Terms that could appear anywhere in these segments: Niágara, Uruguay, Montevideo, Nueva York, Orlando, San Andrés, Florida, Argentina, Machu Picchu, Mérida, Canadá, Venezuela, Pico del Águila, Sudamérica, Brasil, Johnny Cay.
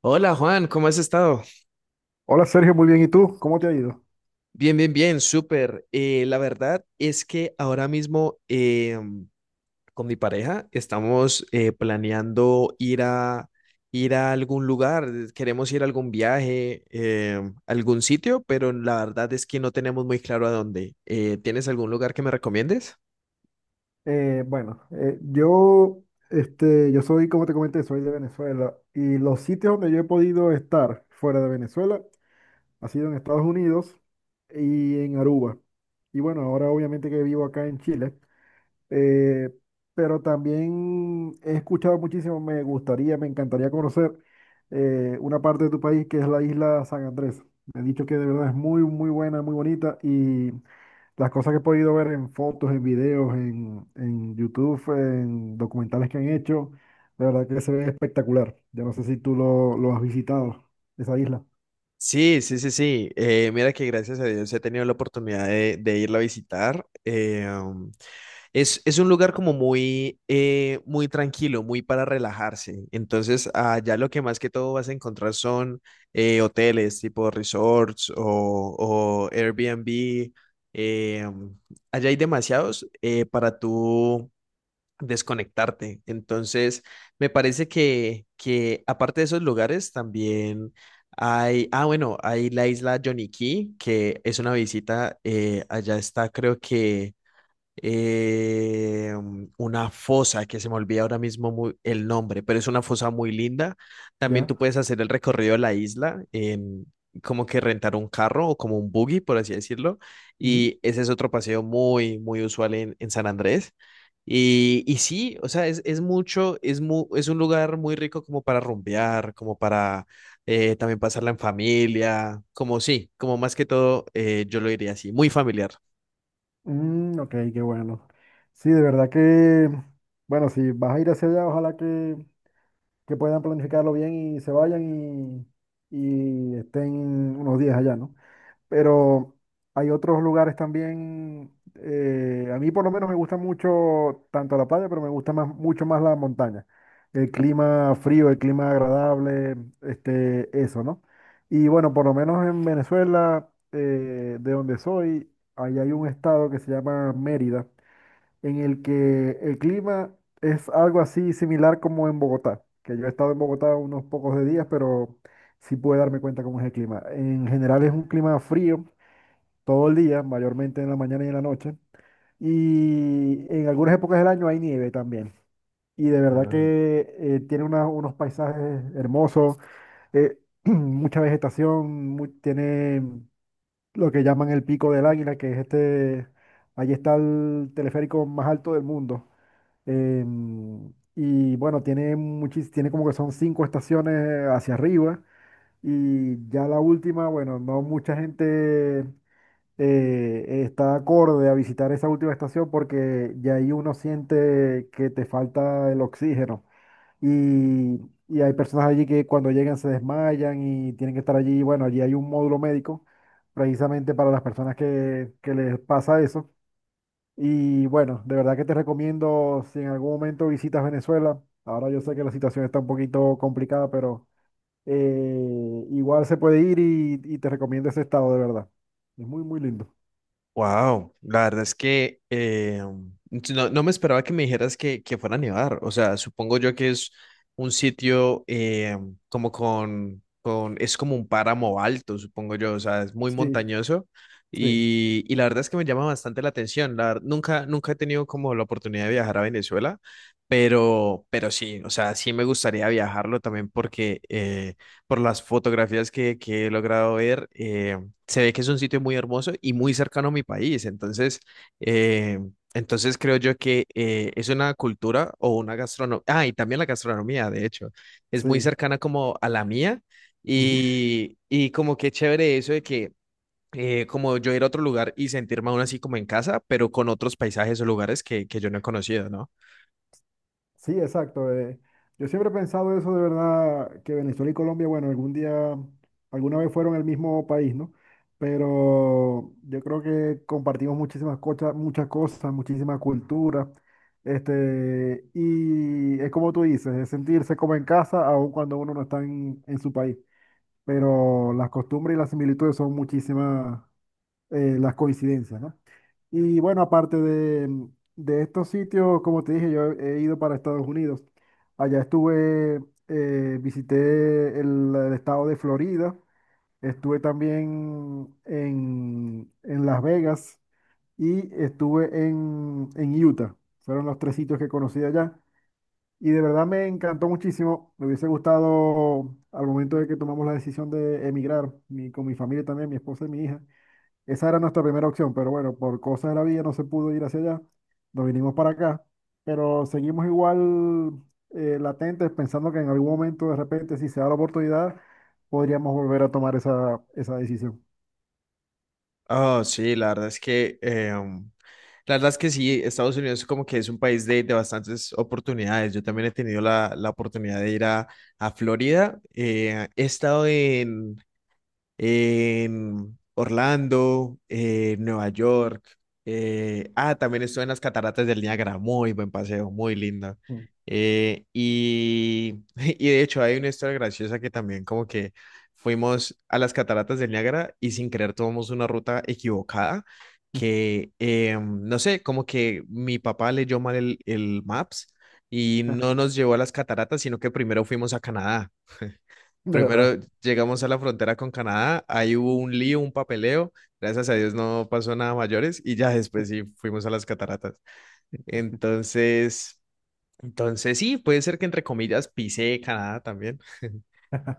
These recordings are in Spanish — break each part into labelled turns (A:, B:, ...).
A: Hola Juan, ¿cómo has estado?
B: Hola Sergio, muy bien. ¿Y tú? ¿Cómo te ha ido?
A: Bien, bien, bien, súper. La verdad es que ahora mismo con mi pareja estamos planeando ir a algún lugar, queremos ir a algún viaje, algún sitio, pero la verdad es que no tenemos muy claro a dónde. ¿tienes algún lugar que me recomiendes?
B: Bueno, yo soy, como te comenté, soy de Venezuela y los sitios donde yo he podido estar fuera de Venezuela ha sido en Estados Unidos y en Aruba. Y bueno, ahora obviamente que vivo acá en Chile, eh, pero también he escuchado muchísimo, me gustaría, me encantaría conocer una parte de tu país que es la isla San Andrés. Me han dicho que de verdad es muy, muy buena, muy bonita. Las cosas que he podido ver en fotos, en videos, en YouTube, en documentales que han hecho, la verdad que se ve espectacular. Yo no sé si tú lo has visitado, esa isla,
A: Sí, sí, sí, sí. Mira que gracias a Dios he tenido la oportunidad de irla a visitar. Es un lugar como muy tranquilo, muy para relajarse. Entonces, allá lo que más que todo vas a encontrar son hoteles tipo resorts o Airbnb. eh, Allá hay demasiados para tú desconectarte. Entonces, me parece que aparte de esos lugares, también hay la isla Johnny Cay, que es una visita, allá está, creo que una fosa que se me olvida ahora mismo el nombre, pero es una fosa muy linda. También tú
B: ¿ya?
A: puedes hacer el recorrido de la isla en como que rentar un carro o como un buggy, por así decirlo.
B: Ujú.
A: Y ese es otro paseo muy, muy usual en San Andrés. Y sí, o sea, es mucho, es un lugar muy rico como para rumbear, como para también pasarla en familia, como sí, como más que todo, yo lo diría así, muy familiar.
B: Mm, ok, qué bueno. Sí, de verdad que, bueno, si vas a ir hacia allá, ojalá que puedan planificarlo bien y se vayan y estén unos días allá, ¿no? Pero hay otros lugares también. A mí por lo menos me gusta mucho tanto la playa, pero me gusta más, mucho más la montaña. El clima frío, el clima agradable, este, eso, ¿no? Y bueno, por lo menos en Venezuela, de donde soy, ahí hay un estado que se llama Mérida, en el que el clima es algo así similar como en Bogotá, que yo he estado en Bogotá unos pocos de días, pero sí pude darme cuenta cómo es el clima. En general es un clima frío todo el día, mayormente en la mañana y en la noche. Y en algunas épocas del año hay nieve también. Y de verdad
A: Ah.
B: que tiene unos paisajes hermosos, eh, mucha vegetación, tiene lo que llaman el Pico del Águila, que es este, allí está el teleférico más alto del mundo. Y bueno, tiene como que son 5 estaciones hacia arriba. Y ya la última, bueno, no mucha gente está acorde a visitar esa última estación porque ya ahí uno siente que te falta el oxígeno. Y, y hay personas allí que cuando llegan se desmayan y tienen que estar allí. Bueno, allí hay un módulo médico precisamente para las personas que les pasa eso. Y bueno, de verdad que te recomiendo si en algún momento visitas Venezuela. Ahora yo sé que la situación está un poquito complicada, pero eh, igual se puede ir y te recomiendo ese estado, de verdad. Es muy, muy lindo.
A: Wow, la verdad es que si no me esperaba que me dijeras que fuera a nevar. O sea, supongo yo que es un sitio como con, es como un páramo alto, supongo yo. O sea, es muy
B: Sí.
A: montañoso
B: Sí,
A: y la verdad es que me llama bastante la atención. Nunca, nunca he tenido como la oportunidad de viajar a Venezuela, pero sí, o sea, sí me gustaría viajarlo también porque por las fotografías que he logrado ver. Se ve que es un sitio muy hermoso y muy cercano a mi país. Entonces, eh, entonces creo yo que es una cultura o una gastronomía. Ah, y también la gastronomía, de hecho, es muy
B: sí.
A: cercana como a la mía.
B: Ujú.
A: Y como que chévere eso de que como yo ir a otro lugar y sentirme aún así como en casa, pero con otros paisajes o lugares que yo no he conocido, ¿no?
B: Sí, exacto. Yo siempre he pensado eso de verdad, que Venezuela y Colombia, bueno, algún día, alguna vez fueron el mismo país, ¿no? Pero yo creo que compartimos muchísimas cosas, muchas cosas, muchísima cultura. Este, y es como tú dices, es sentirse como en casa, aun cuando uno no está en su país. Pero las costumbres y las similitudes son muchísimas, las coincidencias, ¿no? Y bueno, aparte de estos sitios, como te dije, yo he ido para Estados Unidos. Allá estuve, visité el estado de Florida, estuve también en Las Vegas y estuve en Utah. Fueron los tres sitios que conocí allá. Y de verdad me encantó muchísimo. Me hubiese gustado al momento de que tomamos la decisión de emigrar, con mi familia también, mi esposa y mi hija. Esa era nuestra primera opción, pero bueno, por cosas de la vida no se pudo ir hacia allá. Nos vinimos para acá, pero seguimos igual latentes, pensando que en algún momento, de repente, si se da la oportunidad, podríamos volver a tomar esa, esa decisión.
A: Oh, sí, la verdad es que la verdad es que sí, Estados Unidos como que es un país de bastantes oportunidades. Yo también he tenido la oportunidad a Florida. He estado en Orlando, Nueva York. También estuve en las cataratas del Niágara, muy buen paseo, muy lindo.
B: Mm.
A: De hecho hay una historia graciosa que también como que fuimos a las cataratas del Niágara y sin querer tomamos una ruta equivocada no sé, como que mi papá leyó mal el Maps y no nos llevó a las cataratas, sino que primero fuimos a Canadá.
B: De verdad,
A: Primero llegamos a la frontera con Canadá, ahí hubo un lío, un papeleo, gracias a Dios no pasó nada mayores y ya después sí fuimos a las cataratas. Entonces, entonces sí, puede ser que entre comillas pisé Canadá también.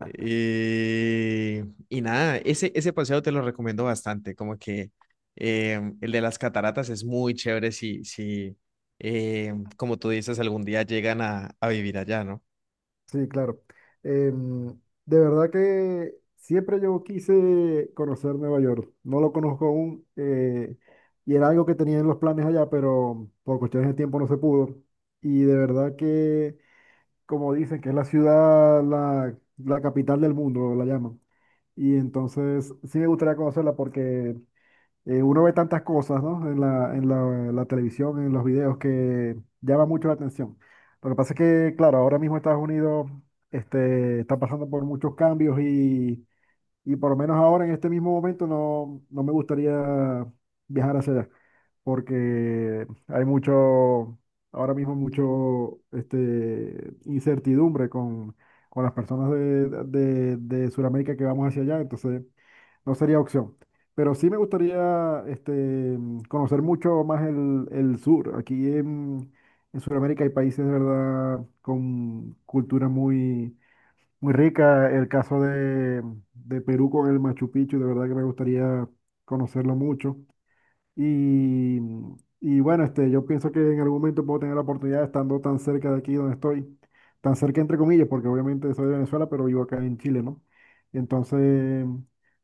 A: Y, y nada, ese paseo te lo recomiendo bastante, como que el de las cataratas es muy chévere si como tú dices, algún día llegan a vivir allá, ¿no?
B: sí, claro. Em, de verdad que siempre yo quise conocer Nueva York. No lo conozco aún, y era algo que tenía en los planes allá, pero por cuestiones de tiempo no se pudo. Y de verdad que como dicen, que es la ciudad, la capital del mundo, la llaman. Y entonces sí me gustaría conocerla porque uno ve tantas cosas, ¿no? En la, en la, en la televisión, en los videos, que llama mucho la atención. Lo que pasa es que, claro, ahora mismo Estados Unidos este, está pasando por muchos cambios y por lo menos ahora, en este mismo momento, no, no me gustaría viajar hacia allá, porque hay mucho, ahora mismo mucho, este, incertidumbre con las personas de Sudamérica que vamos hacia allá, entonces no sería opción. Pero sí me gustaría, este, conocer mucho más el sur. Aquí en Sudamérica hay países, de verdad, con culturas muy muy rica el caso de Perú con el Machu Picchu, de verdad que me gustaría conocerlo mucho. Y, y bueno, este, yo pienso que en algún momento puedo tener la oportunidad, estando tan cerca de aquí donde estoy, tan cerca entre comillas, porque obviamente soy de Venezuela, pero vivo acá en Chile, ¿no? Entonces,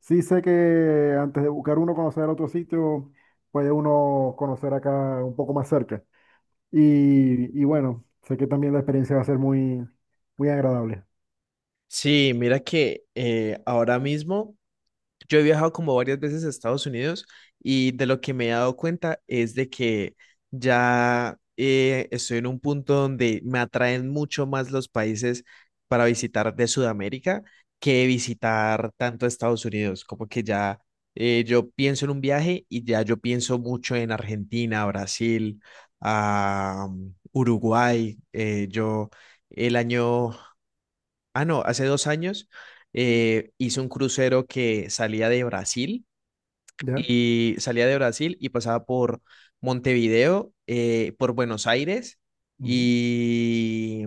B: sí sé que antes de buscar uno conocer otro sitio, puede uno conocer acá un poco más cerca. Y bueno, sé que también la experiencia va a ser muy, muy agradable.
A: Sí, mira que ahora mismo. Yo he viajado como varias veces a Estados Unidos y de lo que me he dado cuenta es de que ya estoy en un punto donde me atraen mucho más los países para visitar de Sudamérica que visitar tanto Estados Unidos. Como que ya yo pienso en un viaje y ya yo pienso mucho en Argentina, Brasil, ah, Uruguay. Yo el año. Ah, no, hace dos años hice un crucero que salía de Brasil
B: ¿Ya?
A: y salía de Brasil y pasaba por Montevideo, por Buenos Aires
B: Ujú.
A: y,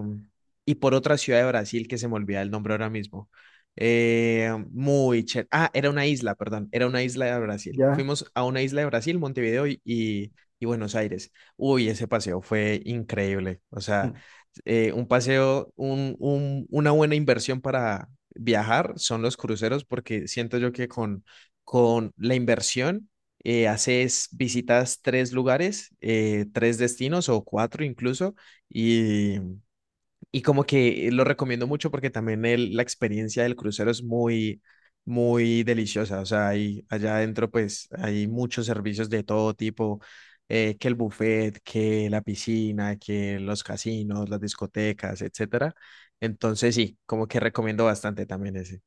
A: y por otra ciudad de Brasil que se me olvida el nombre ahora mismo. Muy chévere. Ah, era una isla, perdón, era una isla de Brasil.
B: Ya.
A: Fuimos a una isla de Brasil, Montevideo y Buenos Aires. Uy, ese paseo fue increíble. O sea,
B: Mm.
A: un paseo, una buena inversión para viajar son los cruceros porque siento yo que con la inversión, haces visitas tres lugares, tres destinos o cuatro incluso, y, y como que lo recomiendo mucho porque también la experiencia del crucero es muy, muy deliciosa. O sea, hay, allá adentro pues hay muchos servicios de todo tipo, que el buffet, que la piscina, que los casinos, las discotecas, etcétera. Entonces sí, como que recomiendo bastante también ese.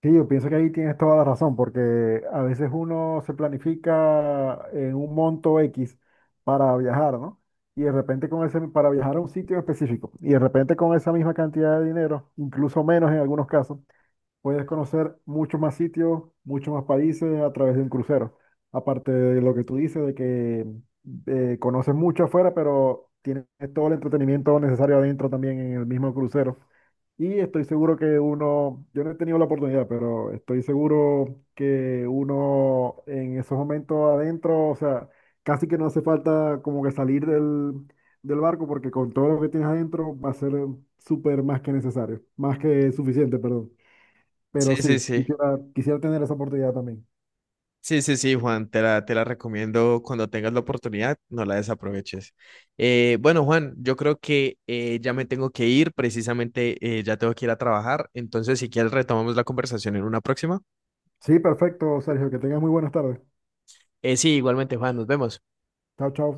B: Sí, yo pienso que ahí tienes toda la razón, porque a veces uno se planifica en un monto X para viajar, ¿no? Y de repente con ese, para viajar a un sitio específico, y de repente con esa misma cantidad de dinero, incluso menos en algunos casos, puedes conocer muchos más sitios, muchos más países a través de un crucero. Aparte de lo que tú dices, de que conoces mucho afuera, pero tienes todo el entretenimiento necesario adentro también en el mismo crucero. Y estoy seguro que uno, yo no he tenido la oportunidad, pero estoy seguro que uno en esos momentos adentro, o sea, casi que no hace falta como que salir del, del barco, porque con todo lo que tienes adentro va a ser súper más que necesario, más que suficiente, perdón. Pero
A: Sí, sí,
B: sí,
A: sí.
B: quisiera, quisiera tener esa oportunidad también.
A: Sí, sí, sí, Juan, te la recomiendo cuando tengas la oportunidad, no la desaproveches. Bueno, Juan, yo creo que ya me tengo que ir, precisamente ya tengo que ir a trabajar, entonces si quieres retomamos la conversación en una próxima.
B: Sí, perfecto, Sergio, que tengas muy buenas tardes.
A: Sí, igualmente, Juan, nos vemos.
B: Chao, chao.